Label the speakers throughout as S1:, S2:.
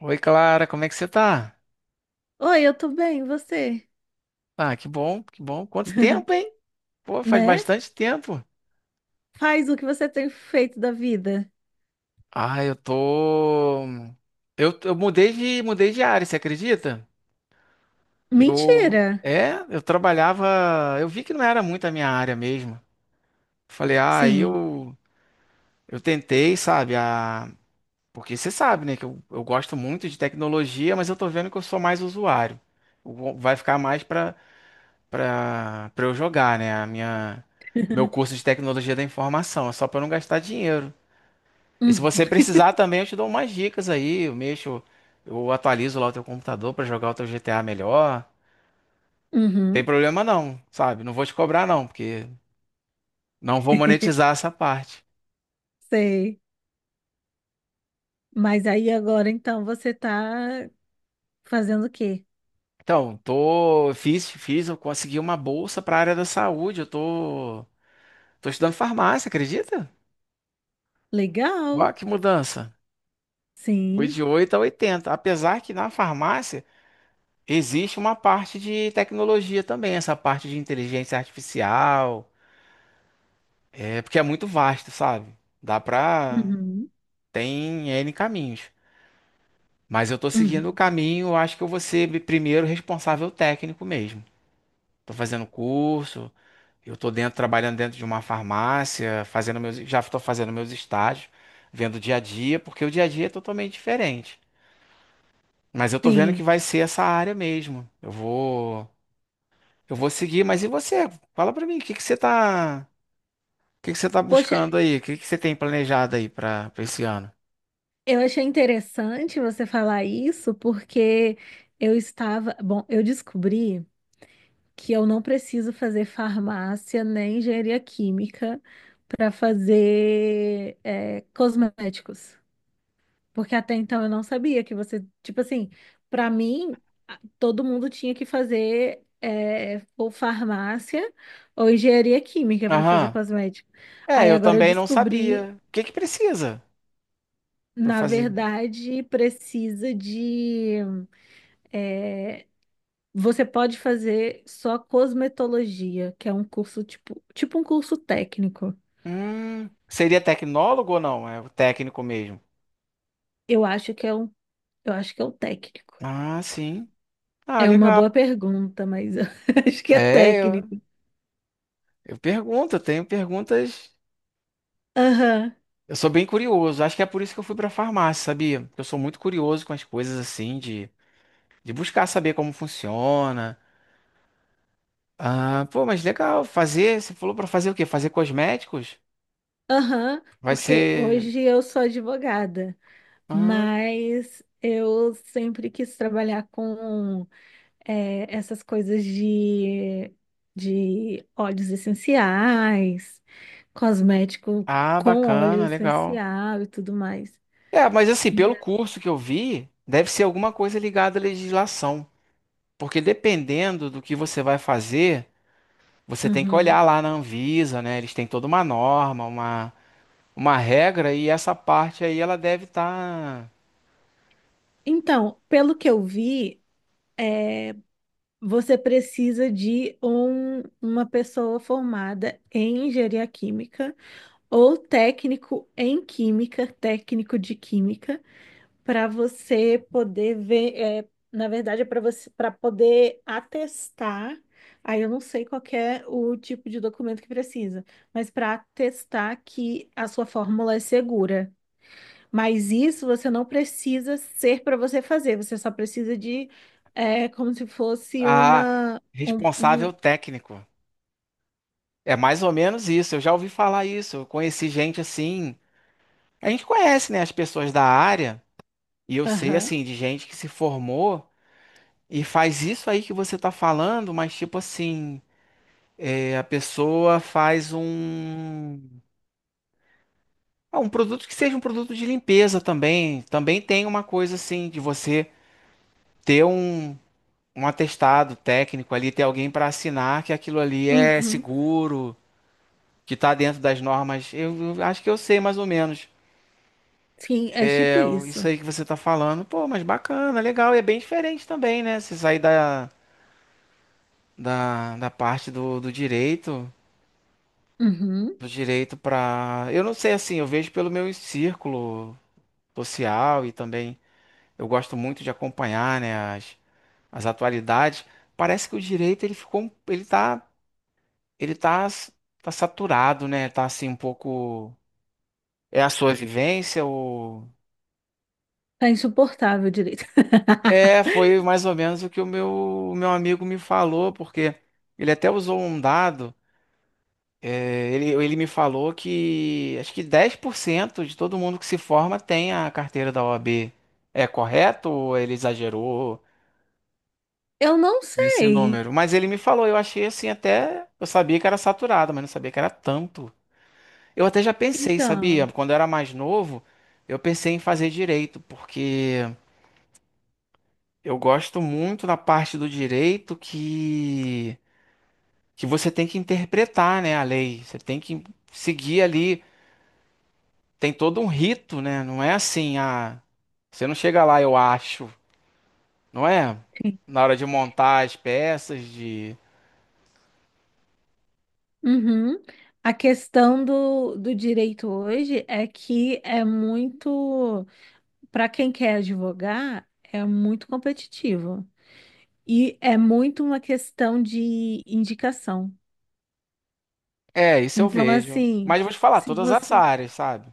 S1: Oi, Clara, como é que você tá?
S2: Oi, eu tô bem, e você?
S1: Ah, que bom, que bom. Quanto tempo, hein? Pô, faz
S2: Né?
S1: bastante tempo.
S2: Faz o que você tem feito da vida.
S1: Ah, eu tô. Eu mudei de área, você acredita? Eu.
S2: Mentira!
S1: É, eu trabalhava. Eu vi que não era muito a minha área mesmo. Falei, ah, aí
S2: Sim.
S1: eu. Eu tentei, sabe? A. Porque você sabe, né? Que eu gosto muito de tecnologia, mas eu tô vendo que eu sou mais usuário. Eu. Vai ficar mais pra. Para eu jogar, né? A minha. Meu curso de tecnologia da informação, é só para não gastar dinheiro. E se
S2: Uhum.
S1: você precisar também, eu te dou umas dicas aí, eu mexo, eu atualizo lá o teu computador para jogar o teu GTA melhor. Não tem
S2: Uhum.
S1: problema não, sabe? Não vou te cobrar não, porque não vou monetizar essa parte.
S2: Sei. Mas aí agora então você tá fazendo o quê?
S1: Então, tô fiz, eu consegui uma bolsa para área da saúde, eu tô estudando farmácia, acredita? Ó,
S2: Legal.
S1: que mudança. Fui
S2: Sim.
S1: de 8 a 80, apesar que na farmácia. Existe uma parte de tecnologia também, essa parte de inteligência artificial, é porque é muito vasto, sabe? Dá pra.
S2: Uhum.
S1: Tem N caminhos. Mas eu tô seguindo o
S2: Uhum.
S1: caminho, eu acho que eu vou ser primeiro responsável técnico mesmo. Tô fazendo curso, eu tô dentro, trabalhando dentro de uma farmácia, já tô fazendo meus estágios, vendo o dia a dia, porque o dia a dia é totalmente diferente. Mas eu tô vendo que
S2: Sim.
S1: vai ser essa área mesmo. Eu vou. Eu vou seguir, mas e você? Fala pra mim, o que que você tá
S2: Poxa,
S1: buscando aí? O que que você tem planejado aí pra esse ano?
S2: eu achei interessante você falar isso porque eu estava, bom, eu descobri que eu não preciso fazer farmácia nem engenharia química para fazer cosméticos. Porque até então eu não sabia que você, tipo assim, para mim, todo mundo tinha que fazer ou farmácia ou engenharia química para fazer
S1: Aham.
S2: cosmético.
S1: É,
S2: Aí
S1: eu
S2: agora eu
S1: também não
S2: descobri,
S1: sabia. O que que precisa pra
S2: na
S1: fazer?
S2: verdade, precisa de eh, você pode fazer só cosmetologia, que é um curso tipo um curso técnico.
S1: Seria tecnólogo ou não? É o técnico mesmo.
S2: Eu acho que é um, eu acho que é o técnico.
S1: Ah, sim. Ah,
S2: É uma
S1: legal.
S2: boa pergunta, mas eu acho que é
S1: É, eu,
S2: técnico.
S1: eu pergunto, eu tenho perguntas.
S2: Aham,
S1: Eu sou bem curioso. Acho que é por isso que eu fui pra farmácia, sabia? Eu sou muito curioso com as coisas assim de buscar saber como funciona. Ah, pô, mas legal. Fazer, você falou pra fazer o quê? Fazer cosméticos?
S2: aham,
S1: Vai
S2: porque
S1: ser.
S2: hoje eu sou advogada,
S1: Ah,
S2: mas eu sempre quis trabalhar com essas coisas de óleos essenciais, cosmético
S1: ah,
S2: com óleo
S1: bacana, legal.
S2: essencial e tudo mais.
S1: É, mas assim,
S2: E
S1: pelo
S2: a-
S1: curso que eu vi, deve ser alguma coisa ligada à legislação. Porque dependendo do que você vai fazer, você tem que
S2: Uhum.
S1: olhar lá na Anvisa, né? Eles têm toda uma norma, uma, regra, e essa parte aí ela deve estar
S2: Então, pelo que eu vi, você precisa de uma pessoa formada em engenharia química ou técnico em química, técnico de química, para você poder ver, na verdade, para poder atestar. Aí eu não sei qual que é o tipo de documento que precisa, mas para atestar que a sua fórmula é segura. Mas isso você não precisa ser para você fazer, você só precisa de, como se fosse
S1: a
S2: um,
S1: responsável técnico. É mais ou menos isso. Eu já ouvi falar isso. Eu conheci gente assim. A gente conhece, né, as pessoas da área, e eu sei,
S2: aham,
S1: assim, de gente que se formou e faz isso aí que você tá falando, mas tipo assim, é, a pessoa faz um. Ah, um produto que seja um produto de limpeza também. Também tem uma coisa assim, de você ter um, atestado técnico ali, ter alguém para assinar que aquilo ali é
S2: uhum.
S1: seguro, que tá dentro das normas. Eu acho que eu sei mais ou menos.
S2: Sim, é
S1: É,
S2: tipo
S1: isso
S2: isso.
S1: aí que você tá falando, pô, mas bacana, legal, e é bem diferente também, né? Você sair da parte do
S2: Uhum.
S1: do direito para, eu não sei assim, eu vejo pelo meu círculo social e também eu gosto muito de acompanhar, né, as, atualidades. Parece que o direito ele ficou, ele tá, s- tá saturado, né? Tá assim um pouco é a sua vivência ou
S2: Tá insuportável direito.
S1: é, foi mais ou menos o que o meu, amigo me falou, porque ele até usou um dado. É, ele me falou que acho que 10% de todo mundo que se forma tem a carteira da OAB. É correto ou ele exagerou
S2: Eu não
S1: nesse
S2: sei.
S1: número? Mas ele me falou, eu achei assim até. Eu sabia que era saturado, mas não sabia que era tanto. Eu até já pensei, sabia?
S2: Então,
S1: Quando eu era mais novo, eu pensei em fazer direito, porque eu gosto muito da parte do direito que você tem que interpretar, né, a lei. Você tem que seguir ali. Tem todo um rito, né? Não é assim, ah, você não chega lá, eu acho, não é?
S2: sim.
S1: Na hora de montar as peças, de.
S2: Uhum. A questão do, do direito hoje é que é muito, para quem quer advogar, é muito competitivo. E é muito uma questão de indicação.
S1: É, isso eu
S2: Então,
S1: vejo. Mas
S2: assim,
S1: eu vou te falar,
S2: se
S1: todas as
S2: você.
S1: áreas, sabe?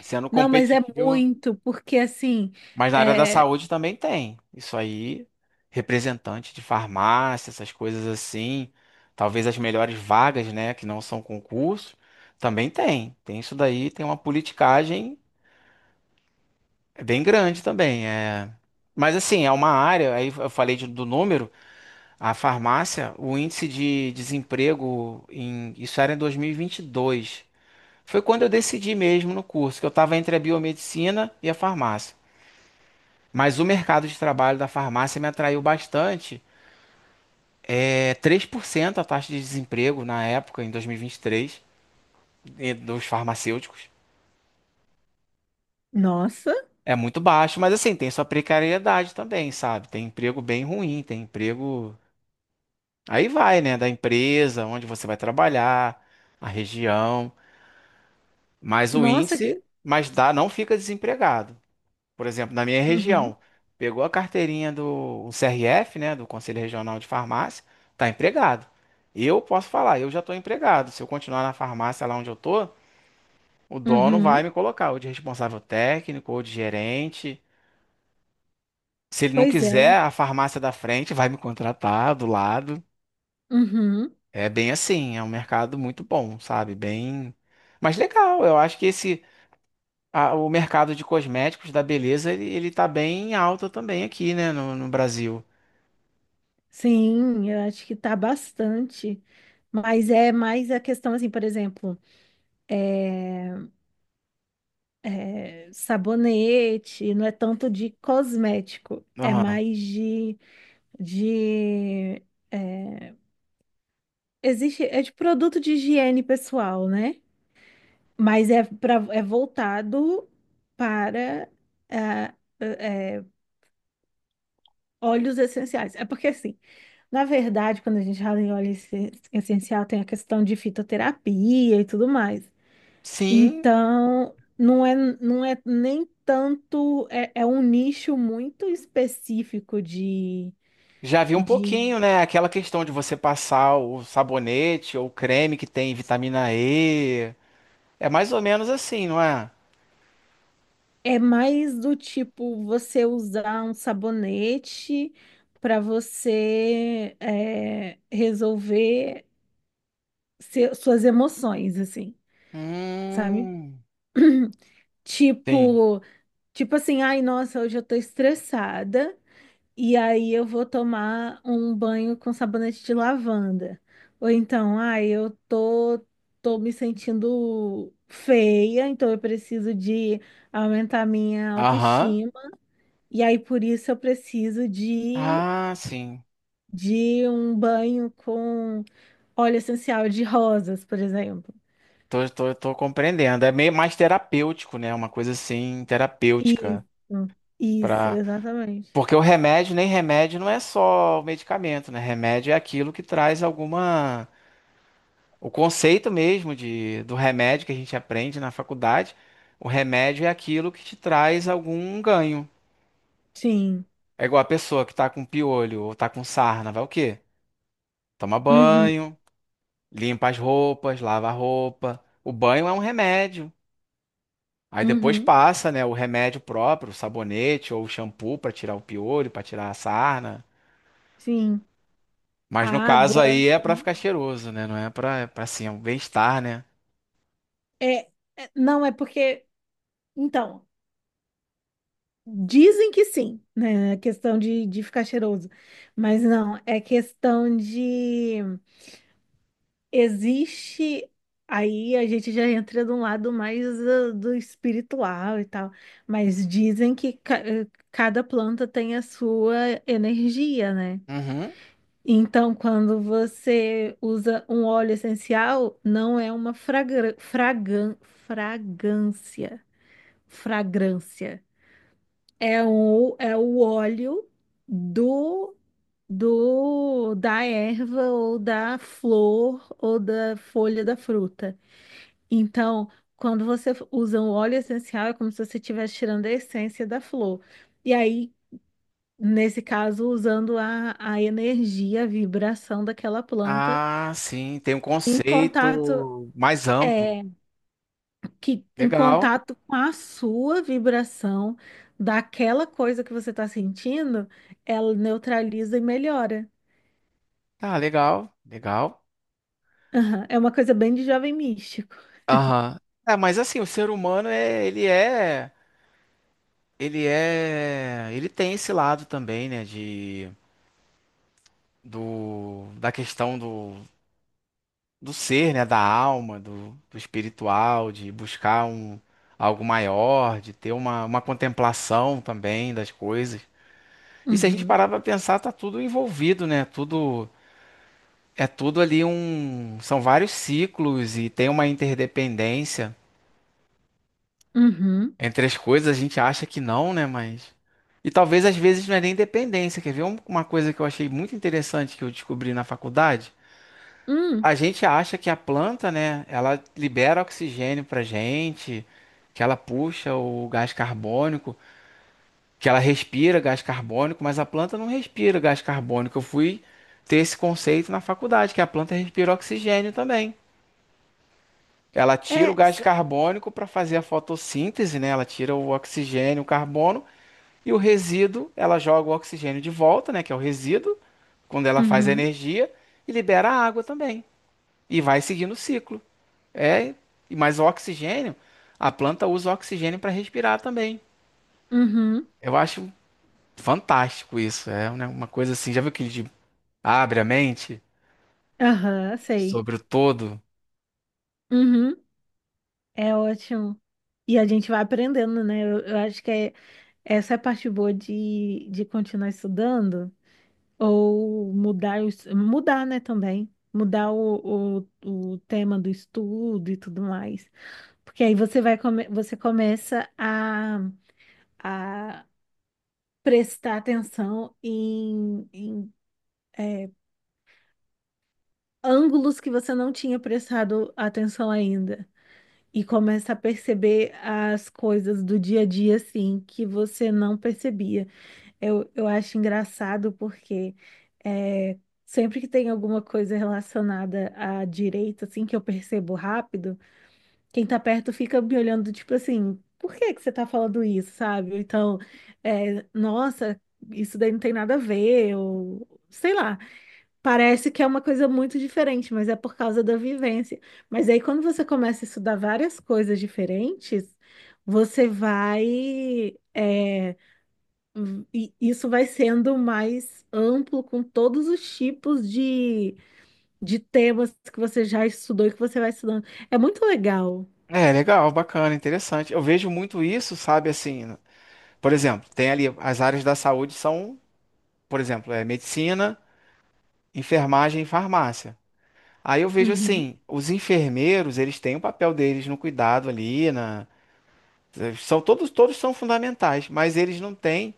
S1: Sendo
S2: Não, mas é
S1: competitivo,
S2: muito, porque assim.
S1: mas na área da
S2: É...
S1: saúde também tem. Isso aí, representante de farmácia, essas coisas assim, talvez as melhores vagas, né, que não são concurso, também tem. Tem isso daí, tem uma politicagem. É bem grande também, é. Mas assim, é uma área, aí eu falei do número, a farmácia, o índice de desemprego em, isso era em dois mil e vinte e dois. Foi quando eu decidi mesmo no curso, que eu estava entre a biomedicina e a farmácia. Mas o mercado de trabalho da farmácia me atraiu bastante. É 3% a taxa de desemprego na época, em 2023, e vinte e três, e dos farmacêuticos.
S2: Nossa,
S1: É muito baixo, mas assim, tem sua precariedade também, sabe? Tem emprego bem ruim, tem emprego. Aí vai, né, da empresa, onde você vai trabalhar, a região, mas o
S2: nossa. Que-
S1: índice, mas dá, não fica desempregado. Por exemplo, na minha
S2: Uhum,
S1: região, pegou a carteirinha do CRF, né, do Conselho Regional de Farmácia, tá empregado. Eu posso falar, eu já estou empregado. Se eu continuar na farmácia lá onde eu tô, o dono vai
S2: uhum,
S1: me colocar ou de responsável técnico ou de gerente. Se ele não
S2: pois é.
S1: quiser, a farmácia da frente vai me contratar do lado.
S2: Uhum.
S1: É bem assim, é um mercado muito bom, sabe? Bem, mas legal. Eu acho que esse o mercado de cosméticos da beleza ele tá bem alto também aqui, né, no Brasil.
S2: Sim, eu acho que tá bastante. Mas é mais a questão, assim, por exemplo, é, é sabonete, não é tanto de cosmético, é
S1: Aham.
S2: mais de, é, existe, é de produto de higiene pessoal, né? Mas é, é voltado para ah, eh, eh, óleos essenciais. É porque, assim, na verdade, quando a gente fala em essencial, tem a questão de fitoterapia e tudo mais.
S1: Sim,
S2: Então, não é nem tanto. É, é um nicho muito específico de,
S1: já vi um
S2: de.
S1: pouquinho, né? Aquela questão de você passar o sabonete ou creme que tem vitamina E. É mais ou menos assim, não é?
S2: É mais do tipo você usar um sabonete para você resolver suas emoções, assim, sabe?
S1: Hum, sim.
S2: Tipo, tipo assim, ai, nossa, hoje eu tô estressada e aí eu vou tomar um banho com sabonete de lavanda. Ou então, ai, tô me sentindo feia, então eu preciso de aumentar minha
S1: Aham.
S2: autoestima. E aí por isso eu preciso
S1: Ah, sim.
S2: de um banho com óleo essencial de rosas, por exemplo.
S1: Tô compreendendo. É meio mais terapêutico, né? Uma coisa assim, terapêutica.
S2: Isso, isso,
S1: Pra.
S2: exatamente.
S1: Porque o remédio, nem remédio, não é só o medicamento, né? Remédio é aquilo que traz alguma. O conceito mesmo do remédio que a gente aprende na faculdade, o remédio é aquilo que te traz algum ganho.
S2: Sim.
S1: É igual a pessoa que tá com piolho ou tá com sarna, vai o quê? Toma
S2: Uhum,
S1: banho, limpa as roupas, lava a roupa. O banho é um remédio. Aí depois
S2: uhum,
S1: passa, né, o remédio próprio, o sabonete ou o shampoo pra tirar o piolho, pra tirar a sarna.
S2: sim. A
S1: Mas no caso
S2: água,
S1: aí é pra
S2: né?
S1: ficar cheiroso, né? Não é pra, é pra assim, é um bem-estar, né?
S2: É, não é porque, então, dizem que sim, né? A questão de ficar cheiroso. Mas não, é questão de existe aí a gente já entra de um lado mais do, do espiritual e tal, mas dizem que cada planta tem a sua energia, né?
S1: Uhum.
S2: Então, quando você usa um óleo essencial, não é uma fragra fragan fragância fragrância. É o óleo do, do da erva ou da flor ou da folha da fruta. Então, quando você usa um óleo essencial, é como se você estivesse tirando a essência da flor. E aí, nesse caso, usando a energia, a vibração daquela planta
S1: Ah, sim, tem um
S2: em contato,
S1: conceito mais amplo.
S2: é, que em
S1: Legal.
S2: contato com a sua vibração daquela coisa que você está sentindo, ela neutraliza e melhora.
S1: Tá, legal, legal.
S2: Aham, é uma coisa bem de jovem místico.
S1: Aham. É, mas assim, o ser humano é, ele é, ele tem esse lado também, né, de do da questão do ser, né, da alma, do espiritual, de buscar um algo maior, de ter uma, contemplação também das coisas. E se a gente
S2: Uhum,
S1: parar para pensar, tá tudo envolvido, né? Tudo é tudo ali um, são vários ciclos e tem uma interdependência
S2: uhum,
S1: entre as coisas. A gente acha que não, né? Mas e talvez às vezes não é nem dependência. Quer ver uma coisa que eu achei muito interessante que eu descobri na faculdade?
S2: hum,
S1: A gente acha que a planta, né? Ela libera oxigênio pra gente, que ela puxa o gás carbônico. Que ela respira gás carbônico, mas a planta não respira gás carbônico. Eu fui ter esse conceito na faculdade, que a planta respira oxigênio também. Ela tira o
S2: é,
S1: gás
S2: s-
S1: carbônico para fazer a fotossíntese, né? Ela tira o oxigênio, o carbono e o resíduo, ela joga o oxigênio de volta, né, que é o resíduo, quando ela faz a
S2: uhum,
S1: energia e libera a água também. E vai seguindo o ciclo. É, e mas o oxigênio, a planta usa o oxigênio para respirar também.
S2: uhum,
S1: Eu acho fantástico isso, é né, uma coisa assim, já viu aquele de abre a mente
S2: aham, sei.
S1: sobre o todo.
S2: Uhum, é ótimo. E a gente vai aprendendo, né? Eu acho que essa é a parte boa de continuar estudando. Ou mudar, o mudar, né, também. Mudar o tema do estudo e tudo mais. Porque aí você começa a prestar atenção em é, ângulos que você não tinha prestado atenção ainda. E começa a perceber as coisas do dia a dia, assim, que você não percebia. Eu acho engraçado porque é, sempre que tem alguma coisa relacionada à direita, assim, que eu percebo rápido, quem tá perto fica me olhando, tipo assim, por que que você tá falando isso, sabe? Ou então, nossa, isso daí não tem nada a ver, ou sei lá. Parece que é uma coisa muito diferente, mas é por causa da vivência. Mas aí, quando você começa a estudar várias coisas diferentes, você vai. é, e isso vai sendo mais amplo com todos os tipos de temas que você já estudou e que você vai estudando. É muito legal.
S1: É legal, bacana, interessante. Eu vejo muito isso, sabe, assim, por exemplo, tem ali as áreas da saúde são, por exemplo, é medicina, enfermagem e farmácia. Aí eu vejo
S2: Uhum,
S1: assim, os enfermeiros, eles têm o papel deles no cuidado ali, na, são todos são fundamentais, mas eles não têm,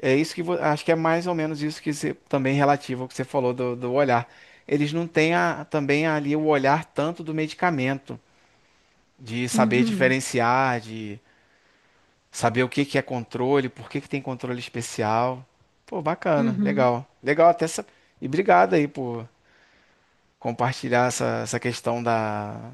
S1: é isso que acho que é mais ou menos isso que você, também relativo ao que você falou do olhar. Eles não têm a, também ali o olhar tanto do medicamento. De saber
S2: uhum,
S1: diferenciar, de saber o que que é controle, por que que tem controle especial. Pô, bacana,
S2: uhum,
S1: legal. Legal até essa. E obrigado aí por compartilhar essa questão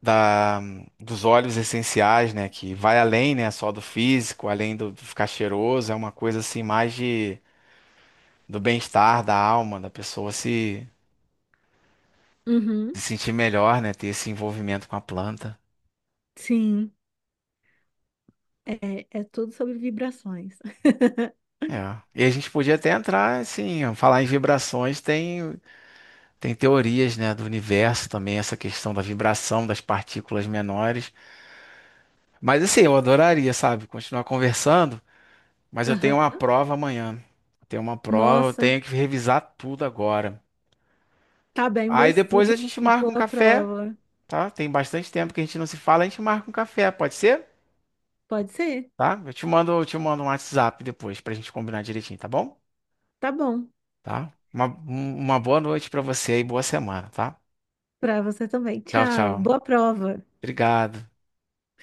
S1: da, dos óleos essenciais, né? Que vai além, né? Só do físico, além do ficar cheiroso, é uma coisa assim mais de, do bem-estar da alma, da pessoa se,
S2: uhum.
S1: sentir melhor, né? Ter esse envolvimento com a planta.
S2: Sim, é tudo sobre vibrações.
S1: É. E a gente podia até entrar, assim, falar em vibrações. Tem teorias, né, do universo também, essa questão da vibração das partículas menores. Mas assim, eu adoraria, sabe, continuar conversando, mas eu tenho uma
S2: Aham.
S1: prova amanhã. Tenho uma prova, eu
S2: Nossa,
S1: tenho que revisar tudo agora.
S2: tá bem, bom
S1: Aí depois
S2: estudo
S1: a gente
S2: e
S1: marca um
S2: boa
S1: café,
S2: prova.
S1: tá? Tem bastante tempo que a gente não se fala, a gente marca um café, pode ser?
S2: Pode ser?
S1: Tá? Eu te mando um WhatsApp depois pra gente combinar direitinho, tá bom?
S2: Tá bom.
S1: Tá? Uma boa noite pra você e boa semana, tá?
S2: Pra você também.
S1: Tchau,
S2: Tchau,
S1: tchau.
S2: boa prova.
S1: Obrigado.